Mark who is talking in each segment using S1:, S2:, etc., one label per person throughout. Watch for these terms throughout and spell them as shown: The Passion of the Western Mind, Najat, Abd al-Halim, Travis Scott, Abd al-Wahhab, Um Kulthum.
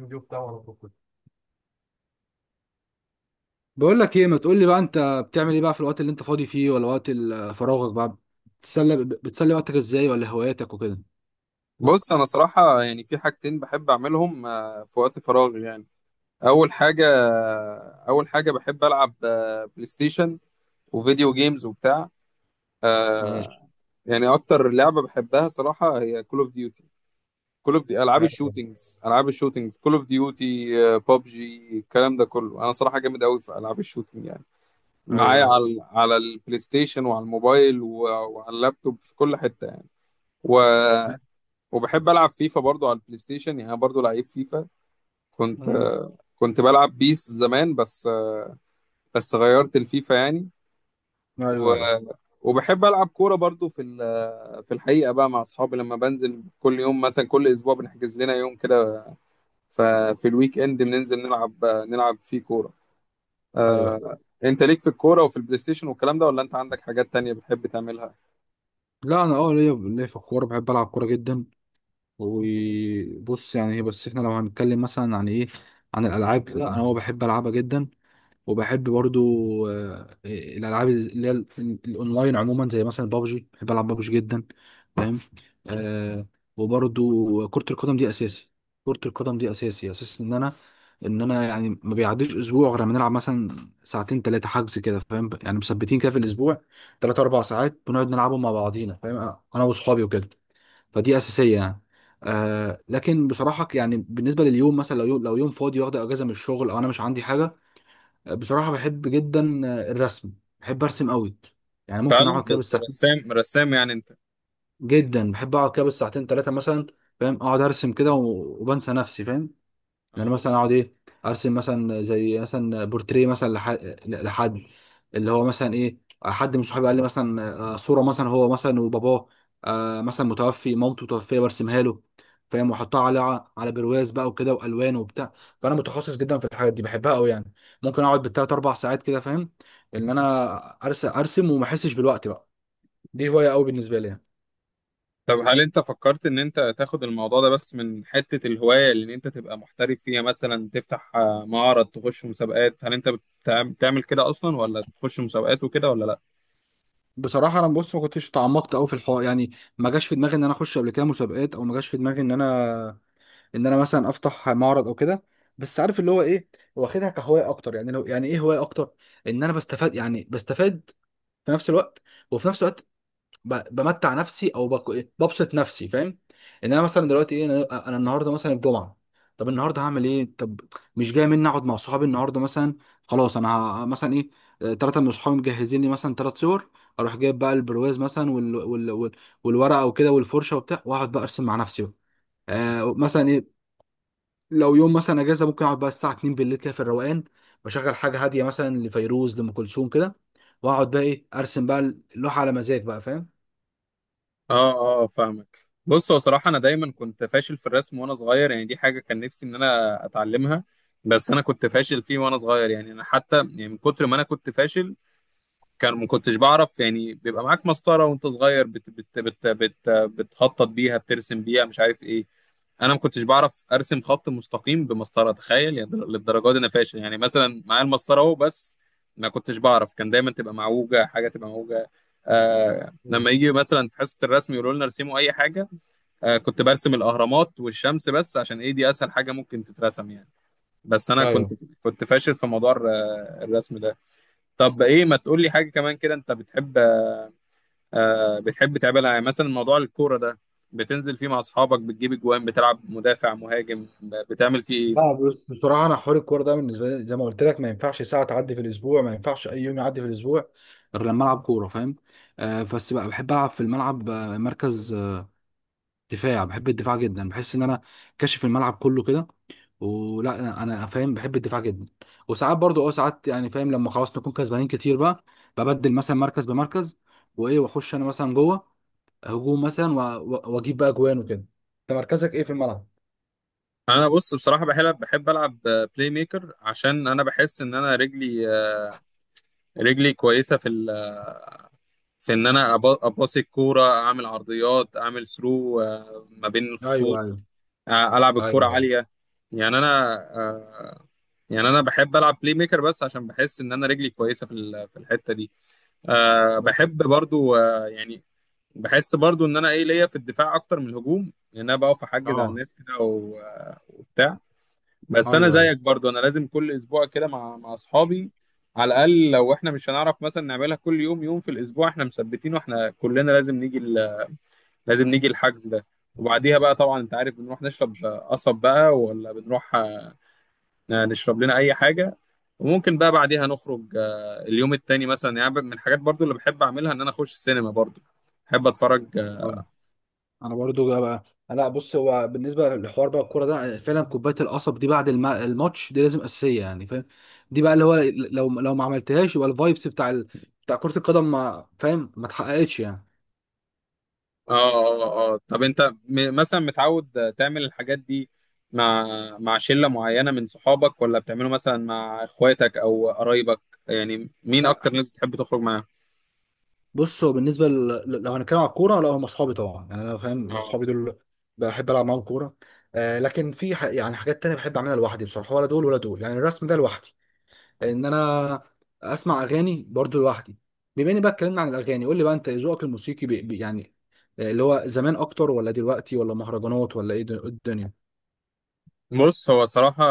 S1: الفيديو بتاعه على طول كده. بقول لك ايه، ما تقول لي بقى انت، بتعمل ايه بقى في الوقت اللي انت فاضي فيه ولا وقت فراغك بقى، بتسلي وقتك ازاي، ولا هواياتك وكده؟
S2: بص انا صراحه يعني في حاجتين بحب اعملهم في وقت فراغي يعني. اول حاجه بحب العب بلاي ستيشن وفيديو جيمز وبتاع
S1: ماشي.
S2: آه، يعني اكتر لعبه بحبها صراحه هي كول اوف ديوتي. كول اوف دي العاب
S1: ايوه.
S2: الشوتينجز كول اوف ديوتي بابجي الكلام ده كله انا صراحه جامد قوي في العاب الشوتينج يعني.
S1: ايوه.
S2: معايا
S1: ايوه.
S2: على البلاي ستيشن وعلى الموبايل وعلى اللابتوب في كل حته يعني. و... وبحب العب فيفا برضو على البلاي ستيشن يعني انا برضو لعيب فيفا. كنت كنت بلعب بيس زمان بس غيرت الفيفا يعني. و...
S1: ايوه. ايوه.
S2: وبحب العب كوره برضو في الحقيقه بقى مع اصحابي لما بنزل كل يوم مثلا كل اسبوع بنحجز لنا يوم كده. ففي الويك اند بننزل نلعب فيه كوره
S1: ايوه.
S2: آه... انت ليك في الكوره وفي البلاي ستيشن والكلام ده ولا انت عندك حاجات تانية بتحب تعملها؟
S1: لا، انا ليا في الكوره، بحب العب كوره جدا. وبص، يعني هي بس احنا لو هنتكلم مثلا عن ايه، عن الالعاب، لا انا هو بحب العبها جدا. وبحب برضو الالعاب اللي هي الاونلاين عموما، زي مثلا بابجي، بحب العب بابجي جدا. فاهم. آه. وبرضو كرة القدم دي اساسي، كرة القدم دي اساسي، اساس ان انا يعني ما بيعديش اسبوع غير لما نلعب مثلا ساعتين ثلاثه حجز كده، فاهم يعني، مثبتين كده في الاسبوع، ثلاث اربع ساعات بنقعد نلعبهم مع بعضينا، فاهم، انا واصحابي وكده. فدي اساسيه يعني. لكن بصراحه يعني بالنسبه لليوم، مثلا لو يوم فاضي، واخد اجازه من الشغل، او انا مش عندي حاجه، بصراحة بحب جدا الرسم. بحب ارسم قوي. يعني ممكن
S2: فعلا
S1: اقعد كده بالساعتين،
S2: رسام رسام يعني انت؟
S1: جدا بحب اقعد كده بالساعتين ثلاثة مثلا، فاهم، اقعد ارسم كده وبنسى نفسي، فاهم. يعني مثلا اقعد ايه، ارسم مثلا زي مثلا بورتريه مثلا لحد، اللي هو مثلا ايه، حد من صحابي قال لي مثلا صوره مثلا هو مثلا وباباه مثلا متوفي، مامته متوفيه، برسمها له فاهم، واحطها على برواز بقى وكده، والوان وبتاع. فانا متخصص جدا في الحاجات دي، بحبها قوي يعني. ممكن اقعد بالثلاث اربع ساعات كده، فاهم، ان انا ارسم وما احسش بالوقت بقى. دي هوايه قوي بالنسبه لي يعني.
S2: طب هل انت فكرت ان انت تاخد الموضوع ده بس من حتة الهواية اللي ان انت تبقى محترف فيها مثلا تفتح معرض تخش مسابقات هل انت بتعمل كده اصلا ولا تخش مسابقات وكده ولا لا؟
S1: بصراحه انا بص، ما كنتش تعمقت قوي في الحوار يعني. ما جاش في دماغي ان انا اخش قبل كده مسابقات، او ما جاش في دماغي ان انا، ان انا مثلا افتح معرض او كده. بس عارف اللي هو ايه، واخدها كهوايه اكتر يعني، لو يعني ايه، هوايه اكتر، ان انا بستفاد، في نفس الوقت، وفي نفس الوقت بمتع نفسي، او بك- إيه، ببسط نفسي فاهم، ان انا مثلا دلوقتي ايه، انا النهارده مثلا الجمعه، طب النهارده هعمل ايه، طب مش جاي مني اقعد مع صحابي النهارده مثلا، خلاص انا مثلا ايه، ثلاثه من صحابي مجهزين لي مثلا ثلاث صور، اروح جايب بقى البرواز مثلا، والورقه وكده، والفرشه وبتاع، واقعد بقى ارسم مع نفسي بقى. مثلا لو يوم مثلا اجازه، ممكن اقعد بقى الساعه 2 بالليل كده في الروقان، بشغل حاجه هاديه، مثلا لفيروز، لام كلثوم كده، واقعد بقى ايه، ارسم بقى اللوحه على مزاج بقى فاهم.
S2: اه اه فاهمك. بص هو صراحة انا دايما كنت فاشل في الرسم وانا صغير يعني دي حاجة كان نفسي ان انا اتعلمها. بس انا كنت فاشل فيه وانا صغير يعني انا حتى يعني من كتر ما انا كنت فاشل كان ما كنتش بعرف. يعني بيبقى معاك مسطرة وانت صغير بت بت بت بت بتخطط بيها بترسم بيها مش عارف ايه. انا ما كنتش بعرف ارسم خط مستقيم بمسطره تخيل يعني للدرجه دي انا فاشل يعني مثلا معايا المسطره اهو بس ما كنتش بعرف. كان دايما تبقى معوجه حاجه تبقى معوجه.
S1: مم.
S2: لما يجي مثلا في حصه الرسم يقولوا لنا ارسموا اي حاجه. كنت برسم الاهرامات والشمس بس عشان ايه دي اسهل حاجه ممكن تترسم يعني. بس انا كنت
S1: ايوه
S2: كنت فاشل في موضوع الرسم ده. طب ايه ما تقول لي حاجه كمان كده انت بتحب تعملها يعني مثلا موضوع الكورة ده بتنزل فيه مع أصحابك بتجيب أجوان بتلعب مدافع مهاجم بتعمل فيه إيه؟
S1: بقى، بص، بصراحه انا حوار الكوره ده بالنسبه لي زي ما قلت لك، ما ينفعش ساعه تعدي في الاسبوع، ما ينفعش اي يوم يعدي في الاسبوع غير لما العب كوره، فاهم. بس بقى بحب العب في الملعب مركز دفاع. بحب الدفاع جدا، بحس ان انا كاشف الملعب كله كده، ولا انا، فاهم، بحب الدفاع جدا. وساعات برضو، ساعات يعني فاهم، لما خلاص نكون كسبانين كتير بقى، ببدل مثلا مركز بمركز، وايه، واخش انا مثلا جوه هجوم مثلا واجيب بقى جوان وكده. انت مركزك ايه في الملعب؟
S2: أنا بص بصراحة بحب ألعب بلاي ميكر عشان أنا بحس إن أنا رجلي كويسة في إن أنا أباصي الكورة أعمل عرضيات أعمل ثرو ما بين
S1: ايوه.
S2: الخطوط.
S1: ايوه.
S2: ألعب الكورة
S1: ايوه. ايوه.
S2: عالية يعني أنا. يعني انا بحب العب بلاي ميكر بس عشان بحس ان انا رجلي كويسه في الحته دي. بحب برضو يعني بحس برضو ان انا ايه ليا في الدفاع اكتر من الهجوم لان انا بقف احجز على
S1: اه.
S2: الناس كده وبتاع. بس انا
S1: ايوه.
S2: زيك برضو انا لازم كل اسبوع كده مع اصحابي على الاقل لو احنا مش هنعرف مثلا نعملها كل يوم يوم في الاسبوع احنا مثبتين واحنا كلنا لازم نيجي الحجز ده. وبعديها بقى طبعا انت عارف بنروح نشرب قصب بقى ولا بنروح نشرب لنا اي حاجه. وممكن بقى بعديها نخرج اليوم التاني مثلا يعني من الحاجات برضو اللي بحب اعملها ان انا اخش السينما برضو بحب اتفرج.
S1: ايوه. انا برضو جا بقى. لا، بص، هو بالنسبه للحوار بقى الكوره ده، فعلا كوبايه القصب دي بعد الماتش دي لازم اساسيه يعني فاهم. دي بقى اللي هو لو، ما عملتهاش يبقى الفايبس بتاع كره القدم ما فاهم، ما اتحققتش يعني.
S2: اه اه اه طب انت مثلا متعود تعمل الحاجات دي مع مع شلة معينة من صحابك ولا بتعمله مثلا مع اخواتك او قرايبك يعني مين
S1: لا،
S2: اكتر ناس بتحب تخرج
S1: بص، هو بالنسبه لو هنتكلم على الكوره، لا هم اصحابي طبعا يعني انا، فاهم،
S2: معاهم؟
S1: اصحابي دول بحب العب معاهم كوره. لكن في يعني حاجات تانية بحب اعملها لوحدي بصراحه، ولا دول ولا دول، يعني الرسم ده لوحدي، ان انا اسمع اغاني برضو لوحدي. بما اني بقى اتكلمنا عن الاغاني، قول لي بقى، انت ذوقك الموسيقي بي يعني، اللي هو زمان اكتر، ولا دلوقتي، ولا مهرجانات، ولا ايه الدنيا؟
S2: بص هو صراحة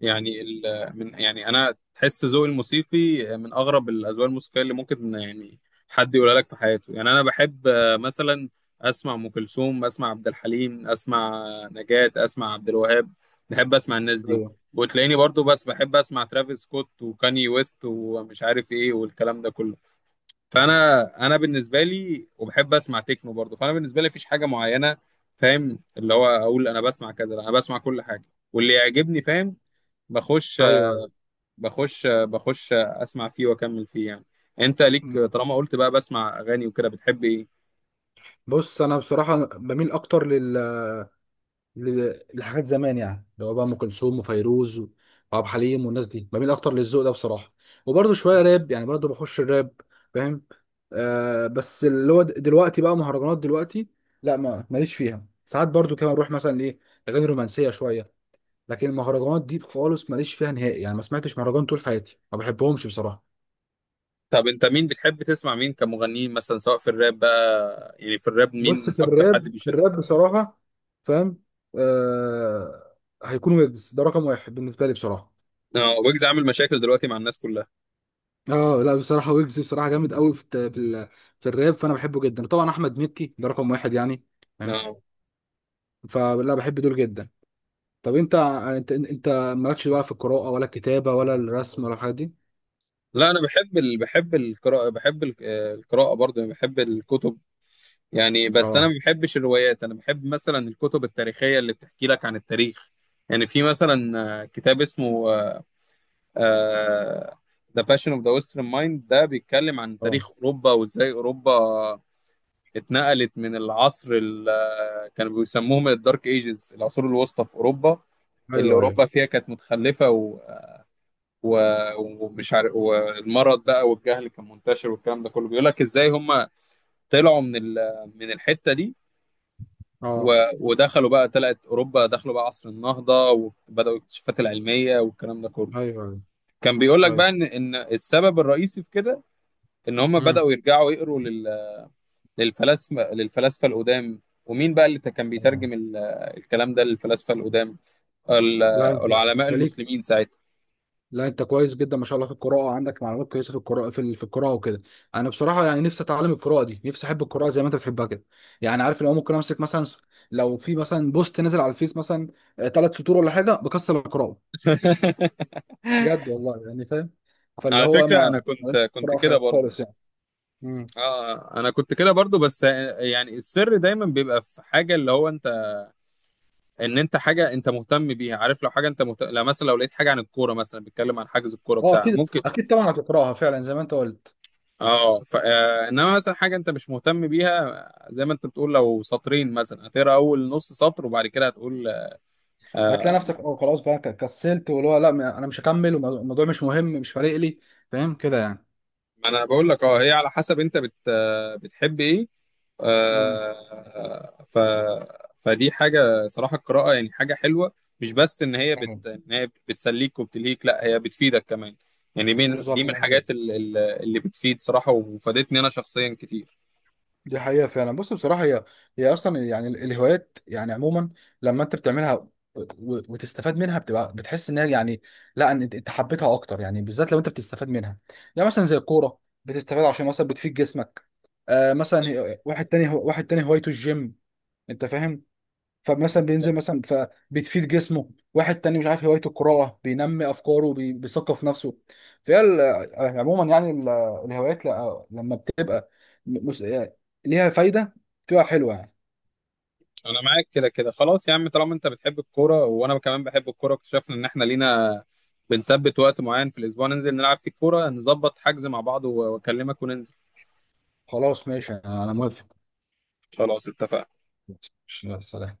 S2: يعني من يعني أنا تحس ذوقي الموسيقي من أغرب الأذواق الموسيقية اللي ممكن يعني حد يقولها لك في حياته يعني أنا بحب مثلا أسمع أم كلثوم أسمع عبد الحليم أسمع نجاة أسمع عبد الوهاب بحب أسمع الناس دي.
S1: ايوه.
S2: وتلاقيني برضو بس بحب أسمع ترافيس سكوت وكاني ويست ومش عارف إيه والكلام ده كله. فانا بالنسبه لي وبحب اسمع تكنو برضه فانا بالنسبه لي مفيش حاجه معينه فاهم اللي هو اقول انا بسمع كذا لا انا بسمع كل حاجه واللي يعجبني فاهم. بخش
S1: ايوه.
S2: بخش اسمع فيه واكمل فيه يعني. انت ليك
S1: مم.
S2: طالما قلت بقى بسمع اغاني وكده بتحب ايه؟
S1: بص انا بصراحه بميل اكتر لحاجات زمان يعني، اللي هو بقى ام كلثوم وفيروز وعبد الحليم، والناس دي بميل اكتر للذوق ده بصراحه. وبرده شويه راب يعني، برده بخش الراب فاهم. بس اللي هو دلوقتي بقى مهرجانات، دلوقتي لا، ما ماليش فيها. ساعات برده كمان اروح مثلا ايه، اغاني رومانسيه شويه، لكن المهرجانات دي خالص ماليش فيها نهائي يعني، ما سمعتش مهرجان طول حياتي، ما بحبهمش بصراحه.
S2: طب انت مين بتحب تسمع مين كمغنيين مثلا سواء في الراب بقى يعني في الراب
S1: بص
S2: مين
S1: في
S2: اكتر حد
S1: الراب،
S2: بيشد؟
S1: بصراحه فاهم آه هيكون ويجز ده رقم واحد بالنسبه لي بصراحه.
S2: اه ويجز عامل مشاكل دلوقتي مع الناس كلها.
S1: اه لا بصراحه ويجز بصراحه جامد قوي في في الراب، فانا بحبه جدا. طبعا احمد مكي ده رقم واحد يعني فاهم،
S2: اه
S1: فلا بحب دول جدا. طب انت، مالكش بقى في القراءه، ولا الكتابه، ولا الرسم، ولا الحاجات دي؟
S2: لا انا بحب القراءه بحب ال- آه، القراءه برضه يعني بحب الكتب يعني. بس انا ما
S1: اه.
S2: بحبش الروايات انا بحب مثلا الكتب التاريخيه اللي بتحكي لك عن التاريخ. يعني في مثلا كتاب اسمه ذا باشن اوف ذا ويسترن مايند ده بيتكلم عن
S1: اه.
S2: تاريخ اوروبا وازاي اوروبا اتنقلت من العصر اللي كانوا بيسموهم الدارك ايجز العصور الوسطى في اوروبا اللي
S1: ايوه. ايوه.
S2: اوروبا فيها كانت متخلفه و... ومش عارف والمرض بقى والجهل كان منتشر والكلام ده كله بيقول لك ازاي هم طلعوا من الحته دي
S1: اه.
S2: و- ودخلوا بقى طلعت اوروبا دخلوا بقى عصر النهضه وبداوا الاكتشافات العلميه والكلام ده كله.
S1: ايوه. ايوه.
S2: كان بيقول لك بقى
S1: ايوه.
S2: ان السبب الرئيسي في كده ان هم
S1: امم.
S2: بداوا يرجعوا يقروا للفلاسفه القدام. ومين بقى اللي كان
S1: اه.
S2: بيترجم الكلام ده للفلاسفه القدام. ال-
S1: لا انت،
S2: العلماء
S1: ليك.
S2: المسلمين ساعتها.
S1: لا انت كويس جدا ما شاء الله في القراءه، عندك معلومات كويسه في القراءه، في في القراءه وكده. انا بصراحه يعني نفسي اتعلم القراءه دي، نفسي احب القراءه زي ما انت بتحبها كده. يعني عارف اللي هو، ممكن امسك مثلا لو في مثلا بوست نزل على الفيس مثلا، ثلاث سطور ولا حاجه، بكسر القراءه بجد والله يعني فاهم. فاللي
S2: على
S1: هو
S2: فكره انا
S1: ما
S2: كنت كنت كده
S1: قراءه
S2: برضو.
S1: خالص يعني. امم.
S2: اه انا كنت كده برضو بس يعني السر دايما بيبقى في حاجه اللي هو ان انت حاجه انت مهتم بيها عارف لو حاجه انت مهتم لو مثلا لو لقيت حاجه عن الكوره مثلا بيتكلم عن حجز الكوره
S1: اه
S2: بتاع
S1: اكيد
S2: ممكن.
S1: اكيد طبعا هتقراها فعلا زي ما انت قلت.
S2: اه ف... آه، انما مثلا حاجه انت مش مهتم بيها زي ما انت بتقول لو سطرين مثلا هتقرا اول نص سطر وبعد كده هتقول آه،
S1: هتلاقي نفسك اه خلاص بقى كسلت، واللي هو لا، انا مش هكمل، والموضوع مش مهم، مش فارق لي، فاهم كده يعني.
S2: ما انا بقول لك اه هي على حسب انت بتحب ايه
S1: امم.
S2: آه، ف فدي حاجه صراحه القراءه يعني حاجه حلوه. مش بس ان هي بتسليك وبتلهيك لا هي بتفيدك كمان. يعني من دي
S1: بالظبط،
S2: من
S1: ده حقيقة.
S2: الحاجات اللي بتفيد صراحه وفادتني انا شخصيا كتير.
S1: دي حقيقة فعلا. بص، بصراحة هي، أصلا يعني الهوايات يعني عموما، لما أنت بتعملها وتستفاد منها، بتبقى بتحس إنها يعني، لا إن أنت، حبيتها أكتر يعني، بالذات لو أنت بتستفاد منها. يعني مثلا زي الكورة، بتستفاد عشان مثلا بتفيد جسمك. مثلا
S2: بالظبط،
S1: واحد تاني هوايته الجيم، أنت فاهم، فمثلا بينزل
S2: بالظبط.
S1: مثلا، فبتفيد جسمه. واحد تاني مش عارف هوايته القراءة، بينمي أفكاره، بيثقف نفسه. فهي عموما يعني الهوايات، لما بتبقى م- مس- آه، ليها فايدة، بتبقى حلوة يعني.
S2: انا معاك كده كده خلاص يا عم طالما انت بتحب الكوره وانا كمان بحب الكوره اكتشفنا ان احنا لينا بنثبت وقت معين في الاسبوع ننزل نلعب فيه الكوره نظبط حجز مع بعض واكلمك وننزل.
S1: خلاص، ماشي، أنا موافق.
S2: خلاص اتفقنا.
S1: ماشي، يلا، سلام.